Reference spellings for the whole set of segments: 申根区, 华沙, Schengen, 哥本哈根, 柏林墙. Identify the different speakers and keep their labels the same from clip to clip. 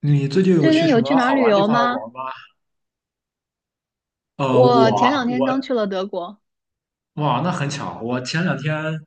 Speaker 1: 你最近有
Speaker 2: 最
Speaker 1: 去
Speaker 2: 近
Speaker 1: 什
Speaker 2: 有
Speaker 1: 么
Speaker 2: 去哪儿
Speaker 1: 好
Speaker 2: 旅
Speaker 1: 玩的地
Speaker 2: 游
Speaker 1: 方玩
Speaker 2: 吗？
Speaker 1: 吗？呃，
Speaker 2: 我前
Speaker 1: 我
Speaker 2: 两天
Speaker 1: 我
Speaker 2: 刚去了德国。
Speaker 1: 哇，那很巧，我前两天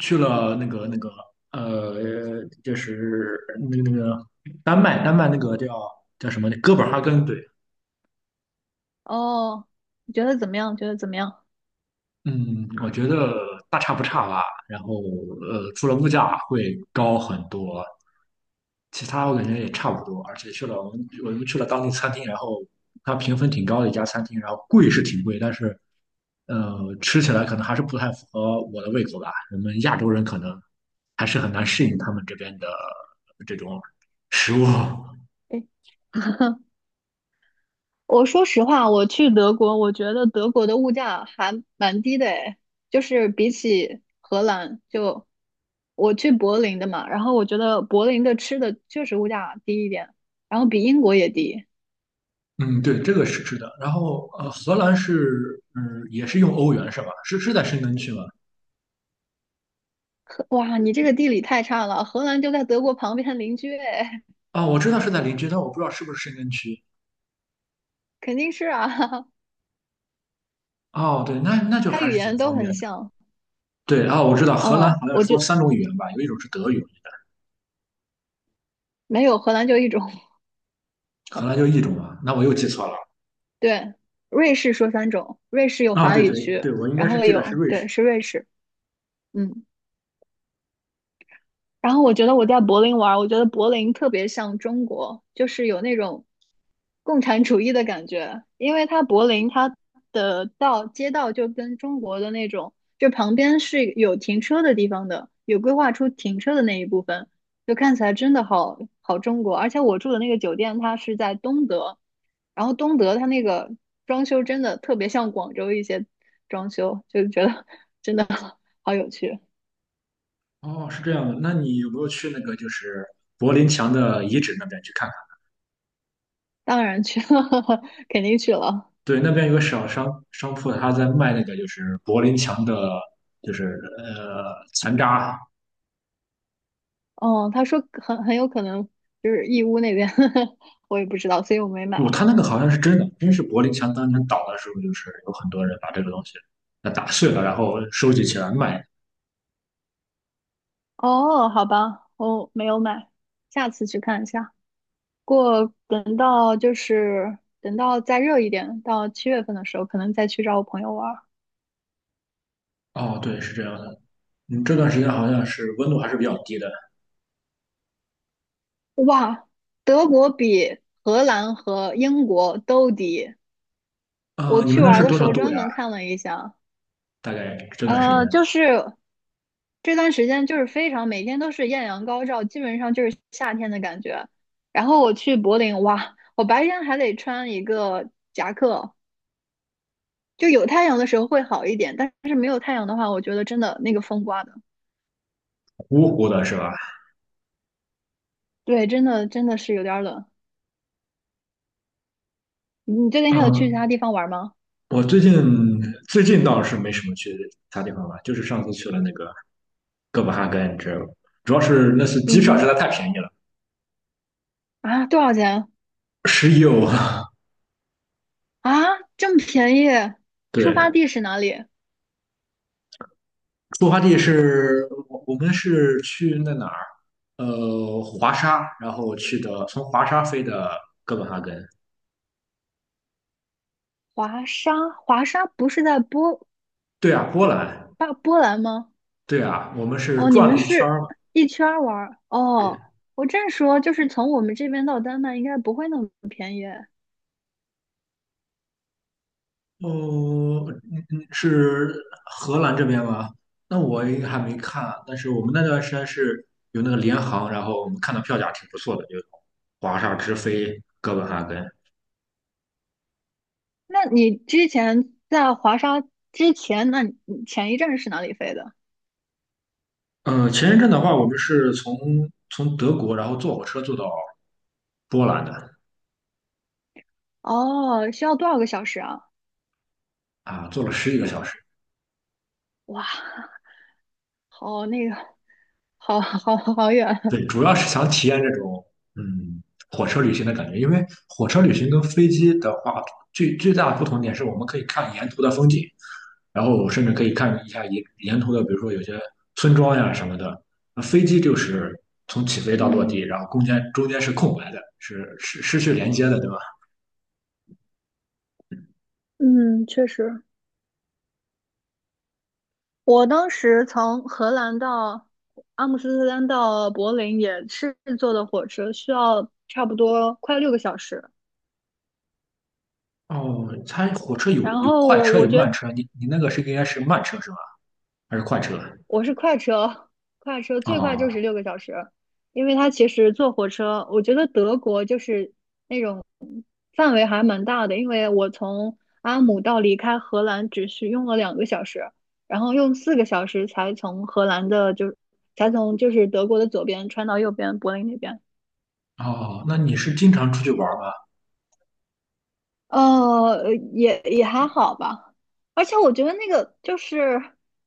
Speaker 1: 去了那个呃，就是那个那个丹麦，丹麦那个叫叫什么哥本哈根，对。
Speaker 2: 哦，你觉得怎么样？
Speaker 1: 嗯，我觉得大差不差吧。然后除了物价会高很多，其他我感觉也差不多，而且去了我们去了当地餐厅，然后它评分挺高的一家餐厅，然后贵是挺贵，但是吃起来可能还是不太符合我的胃口吧。我们亚洲人可能还是很难适应他们这边的这种食物。
Speaker 2: 诶，我说实话，我去德国，我觉得德国的物价还蛮低的，诶，就是比起荷兰，就我去柏林的嘛，然后我觉得柏林的吃的确实物价低一点，然后比英国也低。
Speaker 1: 嗯，对，这个是的。然后荷兰是嗯也是用欧元是吧？是在申根区吗？
Speaker 2: 哇，你这个地理太差了，荷兰就在德国旁边邻居，诶，
Speaker 1: 啊、我知道是在邻居，但我不知道是不是申根区。
Speaker 2: 肯定是啊，
Speaker 1: 哦，对，那就
Speaker 2: 它
Speaker 1: 还
Speaker 2: 语
Speaker 1: 是挺
Speaker 2: 言都
Speaker 1: 方便
Speaker 2: 很
Speaker 1: 的。
Speaker 2: 像。
Speaker 1: 对，啊，我知道荷兰
Speaker 2: 嗯，
Speaker 1: 好像
Speaker 2: 我就
Speaker 1: 说三种语言吧，有一种是德语。
Speaker 2: 没有荷兰就一种。
Speaker 1: 荷兰就一种嘛。那我又记错了。
Speaker 2: 对，瑞士说三种，瑞士有
Speaker 1: 啊、
Speaker 2: 法
Speaker 1: 对
Speaker 2: 语
Speaker 1: 对
Speaker 2: 区，
Speaker 1: 对，我应该
Speaker 2: 然
Speaker 1: 是
Speaker 2: 后
Speaker 1: 记得是
Speaker 2: 有，
Speaker 1: 瑞
Speaker 2: 对，
Speaker 1: 士。
Speaker 2: 是瑞士，嗯。然后我觉得我在柏林玩儿，我觉得柏林特别像中国，就是有那种共产主义的感觉，因为它柏林它的街道就跟中国的那种，就旁边是有停车的地方的，有规划出停车的那一部分，就看起来真的好好中国。而且我住的那个酒店它是在东德，然后东德它那个装修真的特别像广州一些装修，就觉得 真的好有趣。
Speaker 1: 哦，是这样的。那你有没有去那个就是柏林墙的遗址那边去看看？
Speaker 2: 当然去了，肯定去了。
Speaker 1: 对，那边有个小商铺，他在卖那个就是柏林墙的，就是残渣。
Speaker 2: 哦，他说很有可能就是义乌那边，我也不知道，所以我没买。
Speaker 1: 不，他那个好像是真的，真是柏林墙当年倒的时候，就是有很多人把这个东西打碎了，然后收集起来卖。
Speaker 2: 哦，好吧，我没有买，下次去看一下。不过等到再热一点，到7月份的时候，可能再去找我朋友玩儿。
Speaker 1: 哦，对，是这样的。嗯，这段时间好像是温度还是比较低的。
Speaker 2: 哇，德国比荷兰和英国都低。我
Speaker 1: 你
Speaker 2: 去
Speaker 1: 们那
Speaker 2: 玩儿
Speaker 1: 是
Speaker 2: 的
Speaker 1: 多
Speaker 2: 时
Speaker 1: 少
Speaker 2: 候
Speaker 1: 度
Speaker 2: 专
Speaker 1: 呀？
Speaker 2: 门看了一下，
Speaker 1: 大概这段时间
Speaker 2: 就是这段时间就是非常每天都是艳阳高照，基本上就是夏天的感觉。然后我去柏林，哇，我白天还得穿一个夹克，就有太阳的时候会好一点，但是没有太阳的话，我觉得真的那个风刮的，
Speaker 1: 芜湖的是吧？
Speaker 2: 对，真的真的是有点冷。你最近还有去其他
Speaker 1: 嗯，
Speaker 2: 地方玩吗？
Speaker 1: 我最近最近倒是没什么去其他地方玩，就是上次去了那个哥本哈根，知道吧？主要是那次机
Speaker 2: 嗯
Speaker 1: 票实
Speaker 2: 哼，
Speaker 1: 在太便宜了，
Speaker 2: 啊，多少钱？
Speaker 1: 11欧啊。
Speaker 2: 啊，这么便宜？
Speaker 1: 对，
Speaker 2: 出发地是哪里？
Speaker 1: 出发地是我们是去哪儿？呃，华沙，然后去的从华沙飞的哥本哈根。
Speaker 2: 华沙，华沙不是在波
Speaker 1: 对啊，波兰。
Speaker 2: 巴波兰吗？
Speaker 1: 对啊，我们是
Speaker 2: 哦，你
Speaker 1: 转了
Speaker 2: 们
Speaker 1: 一圈
Speaker 2: 是
Speaker 1: 儿嘛。
Speaker 2: 一圈儿玩儿
Speaker 1: 对。
Speaker 2: 哦。我正说，就是从我们这边到丹麦应该不会那么便宜。
Speaker 1: 哦，嗯嗯，是荷兰这边吗？那我应该还没看啊，但是我们那段时间是有那个联航，然后我们看到票价挺不错的，就华沙直飞哥本哈根。
Speaker 2: 那你在华沙之前，那你前一站是哪里飞的？
Speaker 1: 嗯，前一阵的话，我们是从德国，然后坐火车坐到波兰的。
Speaker 2: 哦，需要多少个小时啊？
Speaker 1: 啊，坐了十几个小时。
Speaker 2: 哇，好那个，好好好远。
Speaker 1: 对，主要是想体验这种嗯火车旅行的感觉，因为火车旅行跟飞机的话，最大的不同点是我们可以看沿途的风景，然后甚至可以看一下沿途的，比如说有些村庄呀什么的。那飞机就是从起飞到落地，
Speaker 2: 嗯
Speaker 1: 然后中间是空白的，是失去连接的，对吧？
Speaker 2: 嗯，确实，我当时从荷兰到阿姆斯特丹到柏林也是坐的火车，需要差不多快六个小时。
Speaker 1: 哦，它火车有
Speaker 2: 然
Speaker 1: 有快
Speaker 2: 后
Speaker 1: 车
Speaker 2: 我
Speaker 1: 有
Speaker 2: 觉
Speaker 1: 慢
Speaker 2: 得
Speaker 1: 车，你那个是应该是慢车是吧？还是快车？
Speaker 2: 我是快车，快车最快
Speaker 1: 哦。
Speaker 2: 就是六个小时，因为它其实坐火车，我觉得德国就是范围还蛮大的，因为我从阿姆到离开荷兰只需用了2个小时，然后用4个小时才从荷兰的就才从就是德国的左边穿到右边柏林那边。
Speaker 1: 哦，那你是经常出去玩吗？
Speaker 2: 也还好吧，而且我觉得那个就是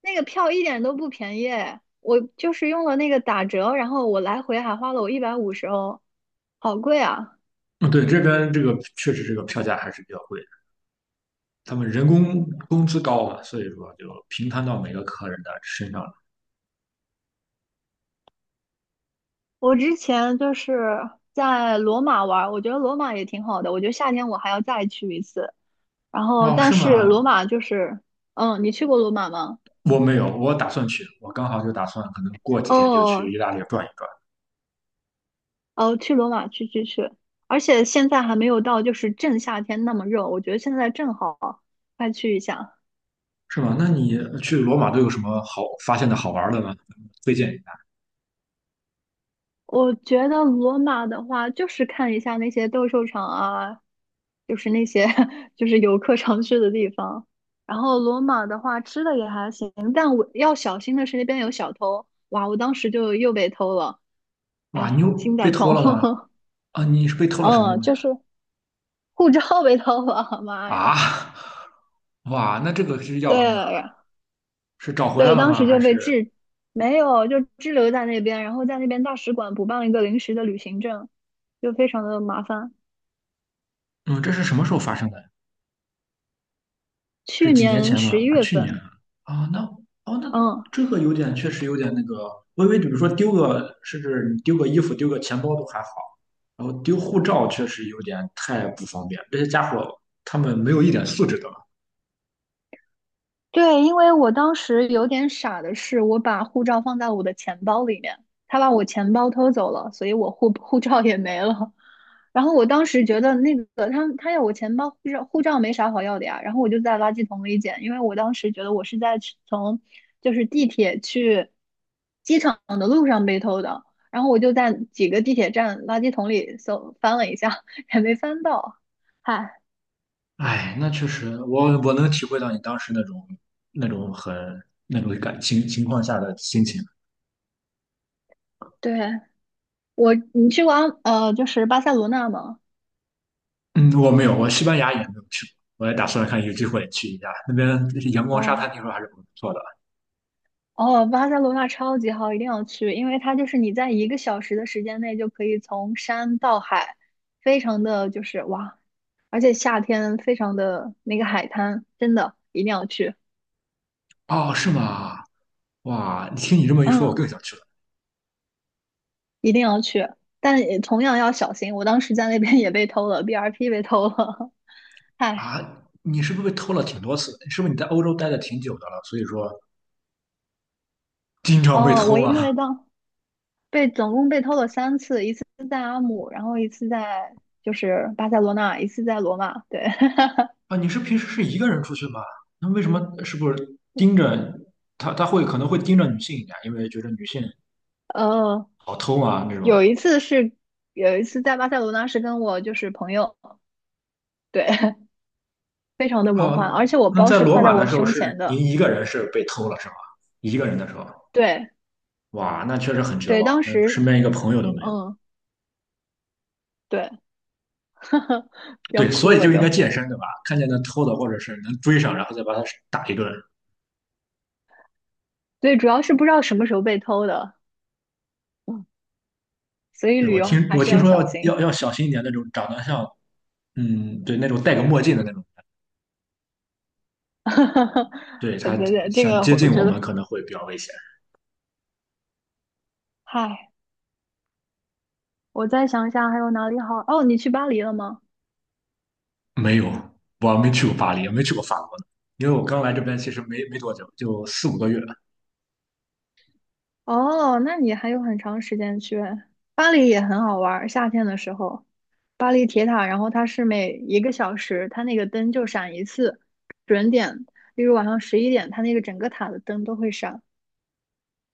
Speaker 2: 那个票一点都不便宜，我就是用了那个打折，然后我来回还花了我150欧，好贵啊！
Speaker 1: 嗯，对，这边这个确实这个票价还是比较贵的，他们人工工资高嘛，所以说就平摊到每个客人的身上了。
Speaker 2: 我之前就是在罗马玩儿，我觉得罗马也挺好的，我觉得夏天我还要再去一次。然后，
Speaker 1: 哦，
Speaker 2: 但
Speaker 1: 是
Speaker 2: 是
Speaker 1: 吗？
Speaker 2: 罗马就是，嗯，你去过罗马吗？
Speaker 1: 我没有，我打算去，我刚好就打算可能过几天就去
Speaker 2: 哦，
Speaker 1: 意大利转一转。
Speaker 2: 哦，去罗马去去去，而且现在还没有到就是正夏天那么热，我觉得现在正好，快去一下。
Speaker 1: 是吗？那你去罗马都有什么好发现的好玩的吗？推荐一下。
Speaker 2: 我觉得罗马的话，就是看一下那些斗兽场啊，就是那些 就是游客常去的地方。然后罗马的话，吃的也还行，但我要小心的是那边有小偷，哇，我当时就又被偷了，
Speaker 1: 哇，你
Speaker 2: 哎，
Speaker 1: 又
Speaker 2: 心
Speaker 1: 被
Speaker 2: 在
Speaker 1: 偷
Speaker 2: 痛。
Speaker 1: 了吗？啊，你是被偷了什么
Speaker 2: 嗯，
Speaker 1: 东西
Speaker 2: 就是护照被偷了，妈
Speaker 1: 啊？啊，
Speaker 2: 呀！
Speaker 1: 哇，那这个是要
Speaker 2: 对，
Speaker 1: 了命了，
Speaker 2: 呀。
Speaker 1: 是找回来
Speaker 2: 对，
Speaker 1: 了
Speaker 2: 当
Speaker 1: 吗？
Speaker 2: 时就
Speaker 1: 还
Speaker 2: 被
Speaker 1: 是
Speaker 2: 滞，没有，就滞留在那边，然后在那边大使馆补办了一个临时的旅行证，就非常的麻烦。
Speaker 1: 嗯，这是什么时候发生的？是
Speaker 2: 去
Speaker 1: 几年
Speaker 2: 年
Speaker 1: 前
Speaker 2: 十
Speaker 1: 了
Speaker 2: 一
Speaker 1: 啊，
Speaker 2: 月
Speaker 1: 去年
Speaker 2: 份，
Speaker 1: 啊，那哦，那
Speaker 2: 嗯，
Speaker 1: 这个有点，确实有点那个。微微，为比如说丢个，甚至你丢个衣服、丢个钱包都还好，然后丢护照确实有点太不方便。这些家伙他们没有一点素质的。
Speaker 2: 对，因为我当时有点傻的是，我把护照放在我的钱包里面，他把我钱包偷走了，所以我护 护照也没了。然后我当时觉得那个他要我钱包护照没啥好要的呀，然后我就在垃圾桶里捡，因为我当时觉得我是从地铁去机场的路上被偷的，然后我就在几个地铁站垃圾桶里搜翻了一下，也没翻到。嗨，
Speaker 1: 哎，那确实，我能体会到你当时那种那种很那种感情情况下的心情。
Speaker 2: 对，我，你去过阿呃就是巴塞罗那吗？
Speaker 1: 嗯，我没有，我西班牙也没有去过，我也打算看有机会去一下，那边阳光沙滩
Speaker 2: 哦
Speaker 1: 听说还是不错的。
Speaker 2: 哦，巴塞罗那超级好，一定要去，因为它就是你在一个小时的时间内就可以从山到海，非常的就是哇，而且夏天非常的那个海滩，真的一定要去，
Speaker 1: 哦，是吗？哇，听你这么一说，我
Speaker 2: 嗯，
Speaker 1: 更想去了。
Speaker 2: 一定要去，但也同样要小心，我当时在那边也被偷了 BRP 被偷了，唉，
Speaker 1: 啊！你是不是被偷了挺多次？是不是你在欧洲待的挺久的了，所以说经常被
Speaker 2: 哦，我
Speaker 1: 偷
Speaker 2: 因
Speaker 1: 啊？
Speaker 2: 为当被总共被偷了3次，一次在阿姆，然后一次在巴塞罗那，一次在罗马，对。
Speaker 1: 啊，你是平时是一个人出去吗？那为什么是不是盯着他？他会可能会盯着女性一点，因为觉得女性
Speaker 2: 呃，
Speaker 1: 好偷啊那种。
Speaker 2: 有一次是有一次在巴塞罗那是跟我朋友，对，非常的魔
Speaker 1: 啊，
Speaker 2: 幻，而且我
Speaker 1: 那
Speaker 2: 包
Speaker 1: 在
Speaker 2: 是
Speaker 1: 罗
Speaker 2: 挎在
Speaker 1: 马的
Speaker 2: 我
Speaker 1: 时候
Speaker 2: 胸前
Speaker 1: 是您
Speaker 2: 的，
Speaker 1: 一个人是被偷了是吧？一个人的时候，
Speaker 2: 对
Speaker 1: 哇，那确实很绝
Speaker 2: 对，
Speaker 1: 望，
Speaker 2: 当
Speaker 1: 那身
Speaker 2: 时
Speaker 1: 边一个朋友都没有。
Speaker 2: 嗯对，要
Speaker 1: 对，所
Speaker 2: 哭
Speaker 1: 以
Speaker 2: 了
Speaker 1: 就
Speaker 2: 就，
Speaker 1: 应该健身对吧？看见那偷的或者是能追上，然后再把他打一顿。
Speaker 2: 对，主要是不知道什么时候被偷的，嗯，所以
Speaker 1: 对，
Speaker 2: 旅
Speaker 1: 我
Speaker 2: 游
Speaker 1: 听
Speaker 2: 还
Speaker 1: 我
Speaker 2: 是
Speaker 1: 听
Speaker 2: 要
Speaker 1: 说
Speaker 2: 小
Speaker 1: 要
Speaker 2: 心，
Speaker 1: 要要小心一点那种长得像，嗯，对，那种戴个墨镜的那种，对，
Speaker 2: 对
Speaker 1: 他
Speaker 2: 对，这
Speaker 1: 想
Speaker 2: 个
Speaker 1: 接
Speaker 2: 我
Speaker 1: 近
Speaker 2: 觉
Speaker 1: 我
Speaker 2: 得，
Speaker 1: 们可能会比较危险。
Speaker 2: 嗨，我再想想还有哪里好，哦，你去巴黎了吗？
Speaker 1: 没有，我没去过巴黎，也没去过法国呢，因为我刚来这边其实没多久，就4、5个月。
Speaker 2: 哦，那你还有很长时间去，巴黎也很好玩儿，夏天的时候。巴黎铁塔，然后它是每一个小时，它那个灯就闪一次，准点，例如晚上11点，它那个整个塔的灯都会闪，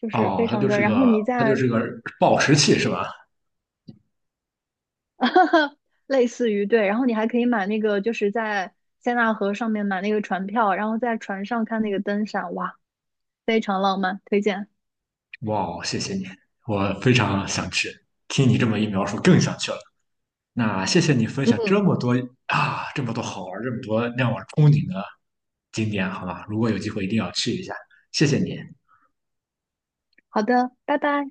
Speaker 2: 就是
Speaker 1: 哦，
Speaker 2: 非
Speaker 1: 它
Speaker 2: 常
Speaker 1: 就
Speaker 2: 的。
Speaker 1: 是
Speaker 2: 然后
Speaker 1: 个
Speaker 2: 你
Speaker 1: 它就
Speaker 2: 在
Speaker 1: 是个暴食器是吧？
Speaker 2: 类似于对，然后你还可以买那个，就是在塞纳河上面买那个船票，然后在船上看那个灯闪，哇，非常浪漫，推荐。
Speaker 1: 哇哦，谢谢你，我非常想去。听你这么一描述，更想去了。那谢谢你分享这么多啊，这么多好玩儿，这么多让我憧憬的景点，好吧？如果有机会一定要去一下，谢谢你。
Speaker 2: 好的，拜拜。